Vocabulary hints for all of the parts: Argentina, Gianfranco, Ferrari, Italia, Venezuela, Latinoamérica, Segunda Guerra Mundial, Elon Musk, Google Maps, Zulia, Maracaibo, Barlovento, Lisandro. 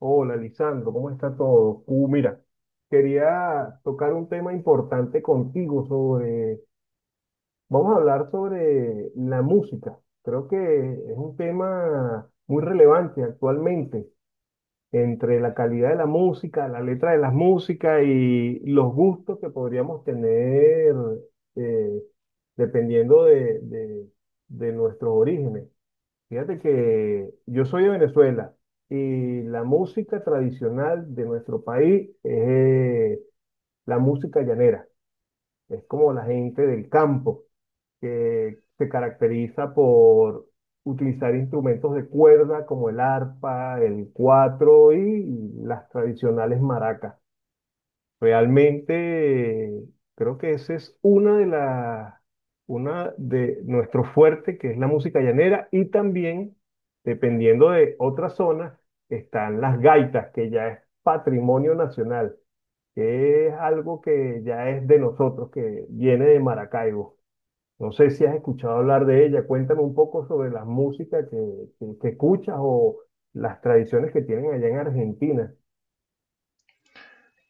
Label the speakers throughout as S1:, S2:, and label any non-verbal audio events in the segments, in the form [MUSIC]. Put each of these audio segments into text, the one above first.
S1: Hola, Lisandro, ¿cómo está todo? Mira, quería tocar un tema importante contigo sobre, vamos a hablar sobre la música. Creo que es un tema muy relevante actualmente entre la calidad de la música, la letra de la música y los gustos que podríamos tener eh, dependiendo de nuestros orígenes. Fíjate que yo soy de Venezuela y la música tradicional de nuestro país es eh, la música llanera. Es como la gente del campo que se caracteriza por utilizar instrumentos de cuerda como el arpa, el cuatro y las tradicionales maracas. Realmente creo que esa es una de nuestro fuerte, que es la música llanera, y también, dependiendo de otras zonas, están las gaitas, que ya es patrimonio nacional, que es algo que ya es de nosotros, que viene de Maracaibo. No sé si has escuchado hablar de ella, cuéntame un poco sobre la música que escuchas o las tradiciones que tienen allá en Argentina.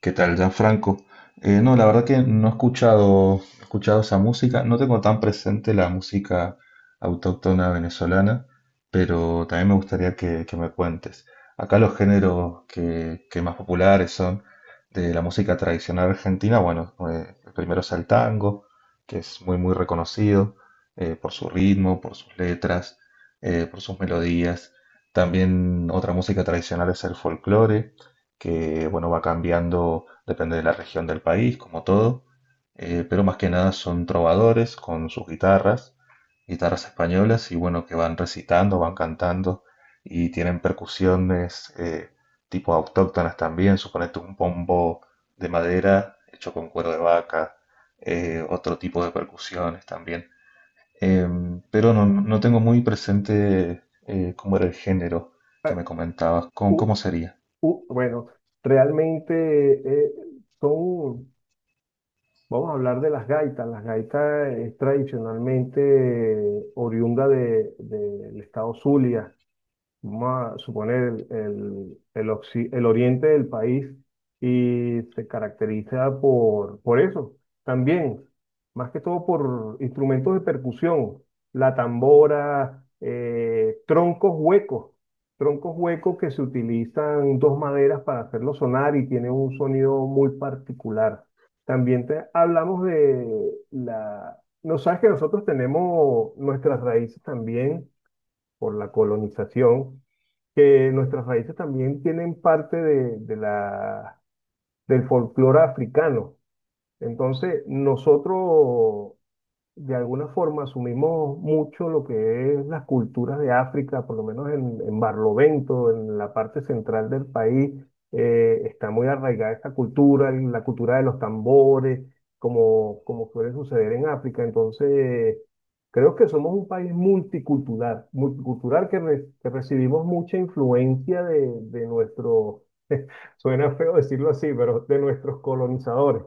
S2: ¿Qué tal, Gianfranco? No, la verdad que no he escuchado, he escuchado esa música. No tengo tan presente la música autóctona venezolana, pero también me gustaría que me cuentes. Acá los géneros que más populares son de la música tradicional argentina. Bueno, el primero es el tango, que es muy, muy reconocido por su ritmo, por sus letras, por sus melodías. También otra música tradicional es el folclore que bueno, va cambiando, depende de la región del país, como todo, pero más que nada son trovadores con sus guitarras, guitarras españolas, y bueno, que van recitando, van cantando, y tienen percusiones tipo autóctonas también, suponete un pombo de madera hecho con cuero de vaca, otro tipo de percusiones también. Pero no, no tengo muy presente cómo era el género
S1: Ah,
S2: que me comentabas, cómo,
S1: u-
S2: cómo sería.
S1: Bueno, realmente eh, son, vamos a hablar de las gaitas. Las gaitas es tradicionalmente oriunda del estado Zulia vamos a suponer, el el oriente del país y se caracteriza por eso. También, más que todo por instrumentos de percusión, la tambora, troncos huecos que se utilizan dos maderas para hacerlo sonar y tiene un sonido muy particular. También hablamos de la. No sabes que nosotros tenemos nuestras raíces también por la colonización, que nuestras raíces también tienen parte del folclore africano. Entonces, nosotros de alguna forma asumimos mucho lo que es las culturas de África, por lo menos en Barlovento, en la parte central del país, está muy arraigada esta cultura, y la cultura de los tambores, como suele suceder en África. Entonces, creo que somos un país multicultural, que recibimos mucha influencia de nuestro, [LAUGHS] suena feo decirlo así, pero de nuestros colonizadores.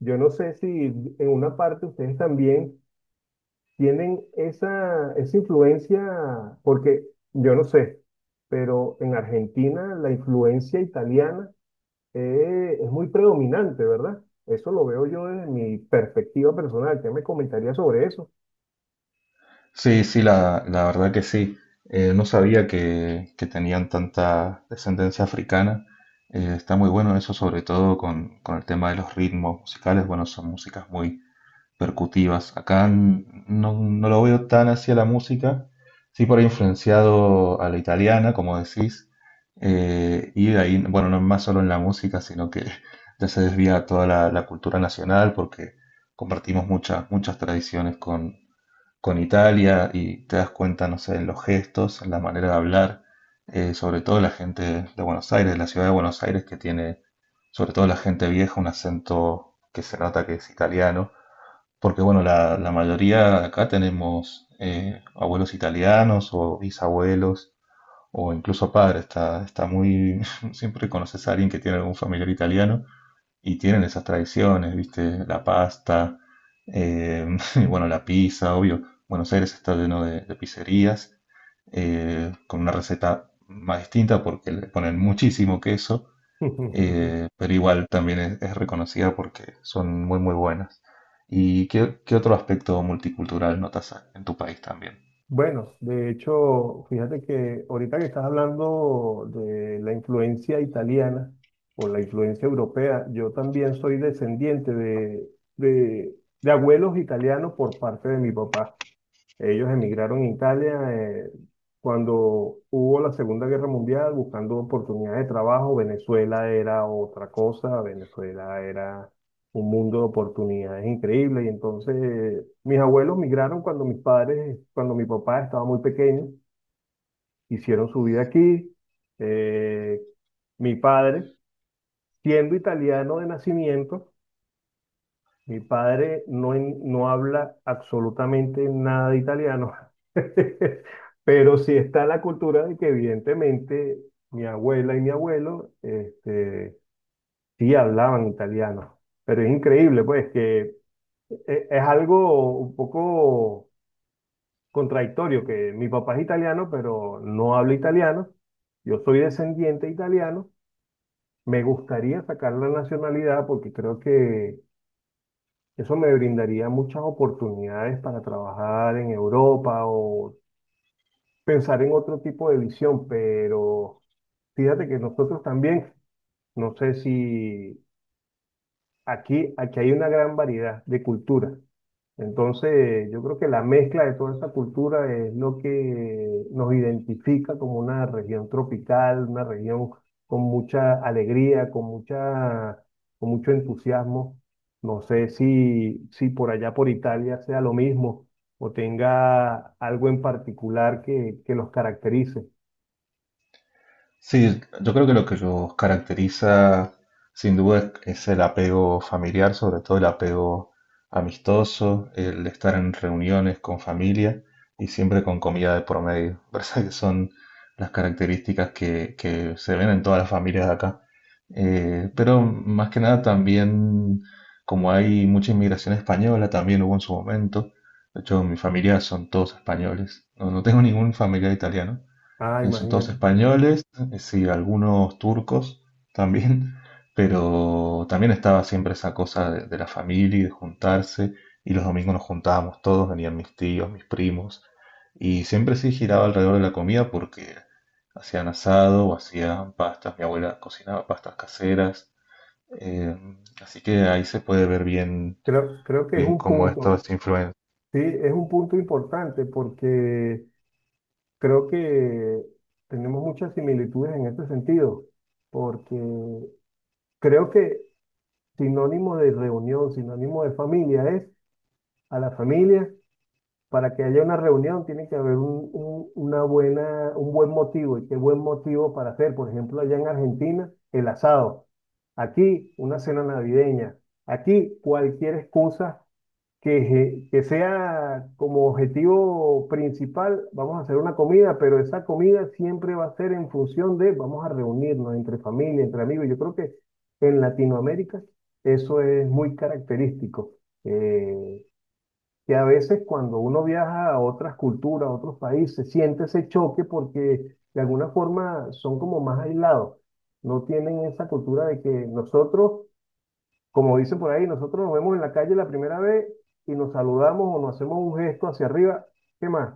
S1: Yo no sé si en una parte ustedes también tienen esa influencia, porque yo no sé, pero en Argentina la influencia italiana es muy predominante, ¿verdad? Eso lo veo yo desde mi perspectiva personal. ¿Qué me comentaría sobre eso?
S2: Sí, sí, la verdad que sí. No sabía que tenían tanta descendencia africana. Está muy bueno eso, sobre todo con el tema de los ritmos musicales. Bueno, son músicas muy percutivas. Acá no, no lo veo tan hacia la música, sí por ahí influenciado a la italiana, como decís. Y de ahí, bueno, no es más solo en la música, sino que [LAUGHS] ya se desvía toda la cultura nacional porque compartimos muchas, muchas tradiciones con Italia y te das cuenta, no sé, en los gestos, en la manera de hablar, sobre todo la gente de Buenos Aires, de la ciudad de Buenos Aires, que tiene, sobre todo la gente vieja, un acento que se nota que es italiano, porque bueno, la mayoría de acá tenemos abuelos italianos o bisabuelos o incluso padres, está muy, [LAUGHS] siempre conoces a alguien que tiene algún familiar italiano y tienen esas tradiciones, ¿viste? La pasta, eh, [LAUGHS] y bueno, la pizza, obvio. Buenos Aires está lleno de pizzerías con una receta más distinta porque le ponen muchísimo queso,
S1: [LAUGHS]
S2: pero igual también es reconocida porque son muy, muy buenas. ¿Y qué, qué otro aspecto multicultural notas en tu país también?
S1: Bueno, de hecho, fíjate que ahorita que estás hablando de la influencia italiana o la influencia europea, yo también soy descendiente de, de abuelos italianos por parte de mi papá. Ellos emigraron a Italia cuando hubo la Segunda Guerra Mundial buscando oportunidades de trabajo. Venezuela era otra cosa, Venezuela era un mundo de oportunidades increíbles. Y entonces mis abuelos migraron cuando mi papá estaba muy pequeño, hicieron su vida aquí. Eh, Mi padre, siendo italiano de nacimiento, mi padre no, no habla absolutamente nada de italiano, [LAUGHS] pero sí está la cultura de que evidentemente mi abuela y mi abuelo este, sí hablaban italiano. Pero es increíble, pues, que es algo un poco contradictorio, que mi papá es italiano, pero no habla italiano. Yo soy descendiente italiano. Me gustaría sacar la nacionalidad porque creo que eso me brindaría muchas oportunidades para trabajar en Europa o pensar en otro tipo de visión, pero fíjate que nosotros también, no sé si aquí hay una gran variedad de culturas. Entonces, yo creo que la mezcla de toda esta cultura es lo que nos identifica como una región tropical, una región con mucha alegría, con mucho entusiasmo. No sé si por allá por Italia sea lo mismo o tenga algo en particular que los caracterice.
S2: Sí, yo creo que lo que los caracteriza sin duda es el apego familiar, sobre todo el apego amistoso, el estar en reuniones con familia y siempre con comida de por medio. [LAUGHS] Parece que son las características que se ven en todas las familias de acá. Pero más que nada también, como hay mucha inmigración española, también hubo en su momento. De hecho, mi familia son todos españoles. No, no tengo ningún familiar italiano.
S1: Ah,
S2: En son todos
S1: imagínate.
S2: españoles, sí, algunos turcos también, [LAUGHS] pero también estaba siempre esa cosa de la familia y de juntarse, y los domingos nos juntábamos todos, venían mis tíos, mis primos, y siempre sí giraba alrededor de la comida porque hacían asado o hacían pastas, mi abuela cocinaba pastas caseras, eh, así que ahí se puede ver bien,
S1: Creo que es
S2: bien
S1: un
S2: cómo esto
S1: punto,
S2: es influencia.
S1: sí, es un punto importante porque creo que tenemos muchas similitudes en este sentido, porque creo que sinónimo de reunión, sinónimo de familia es a la familia, para que haya una reunión tiene que haber una buena, un buen motivo. ¿Y qué buen motivo para hacer? Por ejemplo, allá en Argentina, el asado. Aquí, una cena navideña. Aquí, cualquier excusa que, que sea como objetivo principal, vamos a hacer una comida, pero esa comida siempre va a ser en función de, vamos a reunirnos entre familia, entre amigos. Yo creo que en Latinoamérica eso es muy característico. Eh, que a veces cuando uno viaja a otras culturas, a otros países, siente ese choque porque de alguna forma son como más aislados. No tienen esa cultura de que nosotros, como dicen por ahí, nosotros nos vemos en la calle la primera vez y nos saludamos o nos hacemos un gesto hacia arriba, ¿qué más?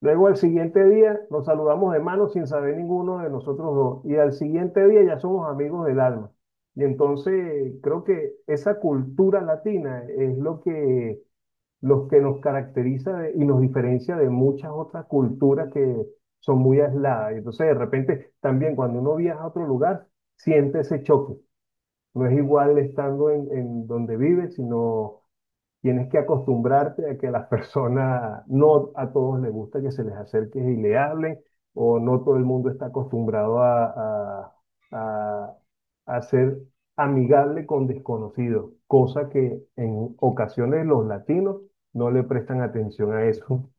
S1: Luego al siguiente día nos saludamos de mano sin saber ninguno de nosotros dos y al siguiente día ya somos amigos del alma. Y entonces creo que esa cultura latina es lo que los que nos caracteriza y nos diferencia de muchas otras culturas que son muy aisladas. Y entonces, de repente, también cuando uno viaja a otro lugar, siente ese choque. No es igual estando en donde vive, sino tienes que acostumbrarte a que a las personas, no a todos les gusta que se les acerque y le hablen, o no todo el mundo está acostumbrado a, a- a ser amigable con desconocidos, cosa que en ocasiones los latinos no le prestan atención a eso.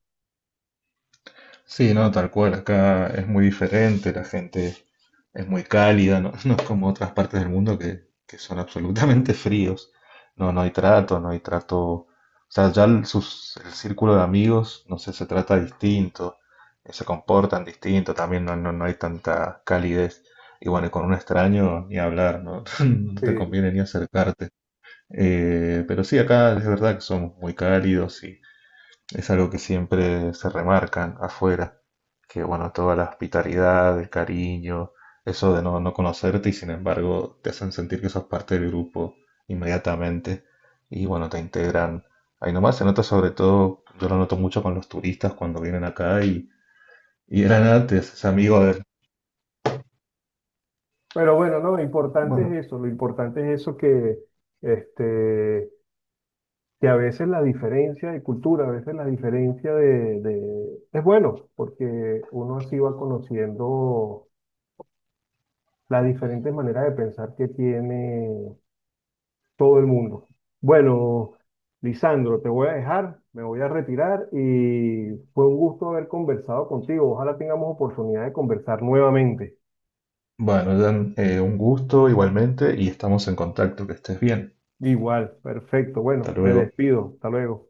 S2: Sí, no, tal cual. Acá es muy diferente, la gente es muy cálida, no, [LAUGHS] no es como otras partes del mundo que son absolutamente fríos. No, no hay trato, no hay trato. O sea, el círculo de amigos, no sé, se trata distinto, se comportan distinto, también no, no, no hay tanta calidez. Y bueno, y con un extraño ni hablar, ¿no? [LAUGHS] No
S1: Sí.
S2: te conviene ni acercarte. Pero sí, acá es verdad que somos muy cálidos es algo que siempre se remarcan afuera, que bueno, toda la hospitalidad, el cariño, eso de no, no conocerte y sin embargo te hacen sentir que sos parte del grupo inmediatamente y bueno, te integran. Ahí nomás se nota sobre todo, yo lo noto mucho con los turistas cuando vienen acá y eran antes, es amigo de...
S1: Pero bueno, no, lo importante
S2: Bueno,
S1: es eso, lo importante es eso que este, que a veces la diferencia de cultura, a veces la diferencia es bueno, porque uno así va conociendo las diferentes maneras de pensar que tiene todo el mundo. Bueno, Lisandro, te voy a dejar, me voy a retirar y fue un gusto haber conversado contigo. Ojalá tengamos oportunidad de conversar nuevamente.
S2: bueno, Dan, un gusto igualmente y estamos en contacto, que estés bien.
S1: Igual, perfecto.
S2: Hasta
S1: Bueno, me
S2: luego.
S1: despido. Hasta luego.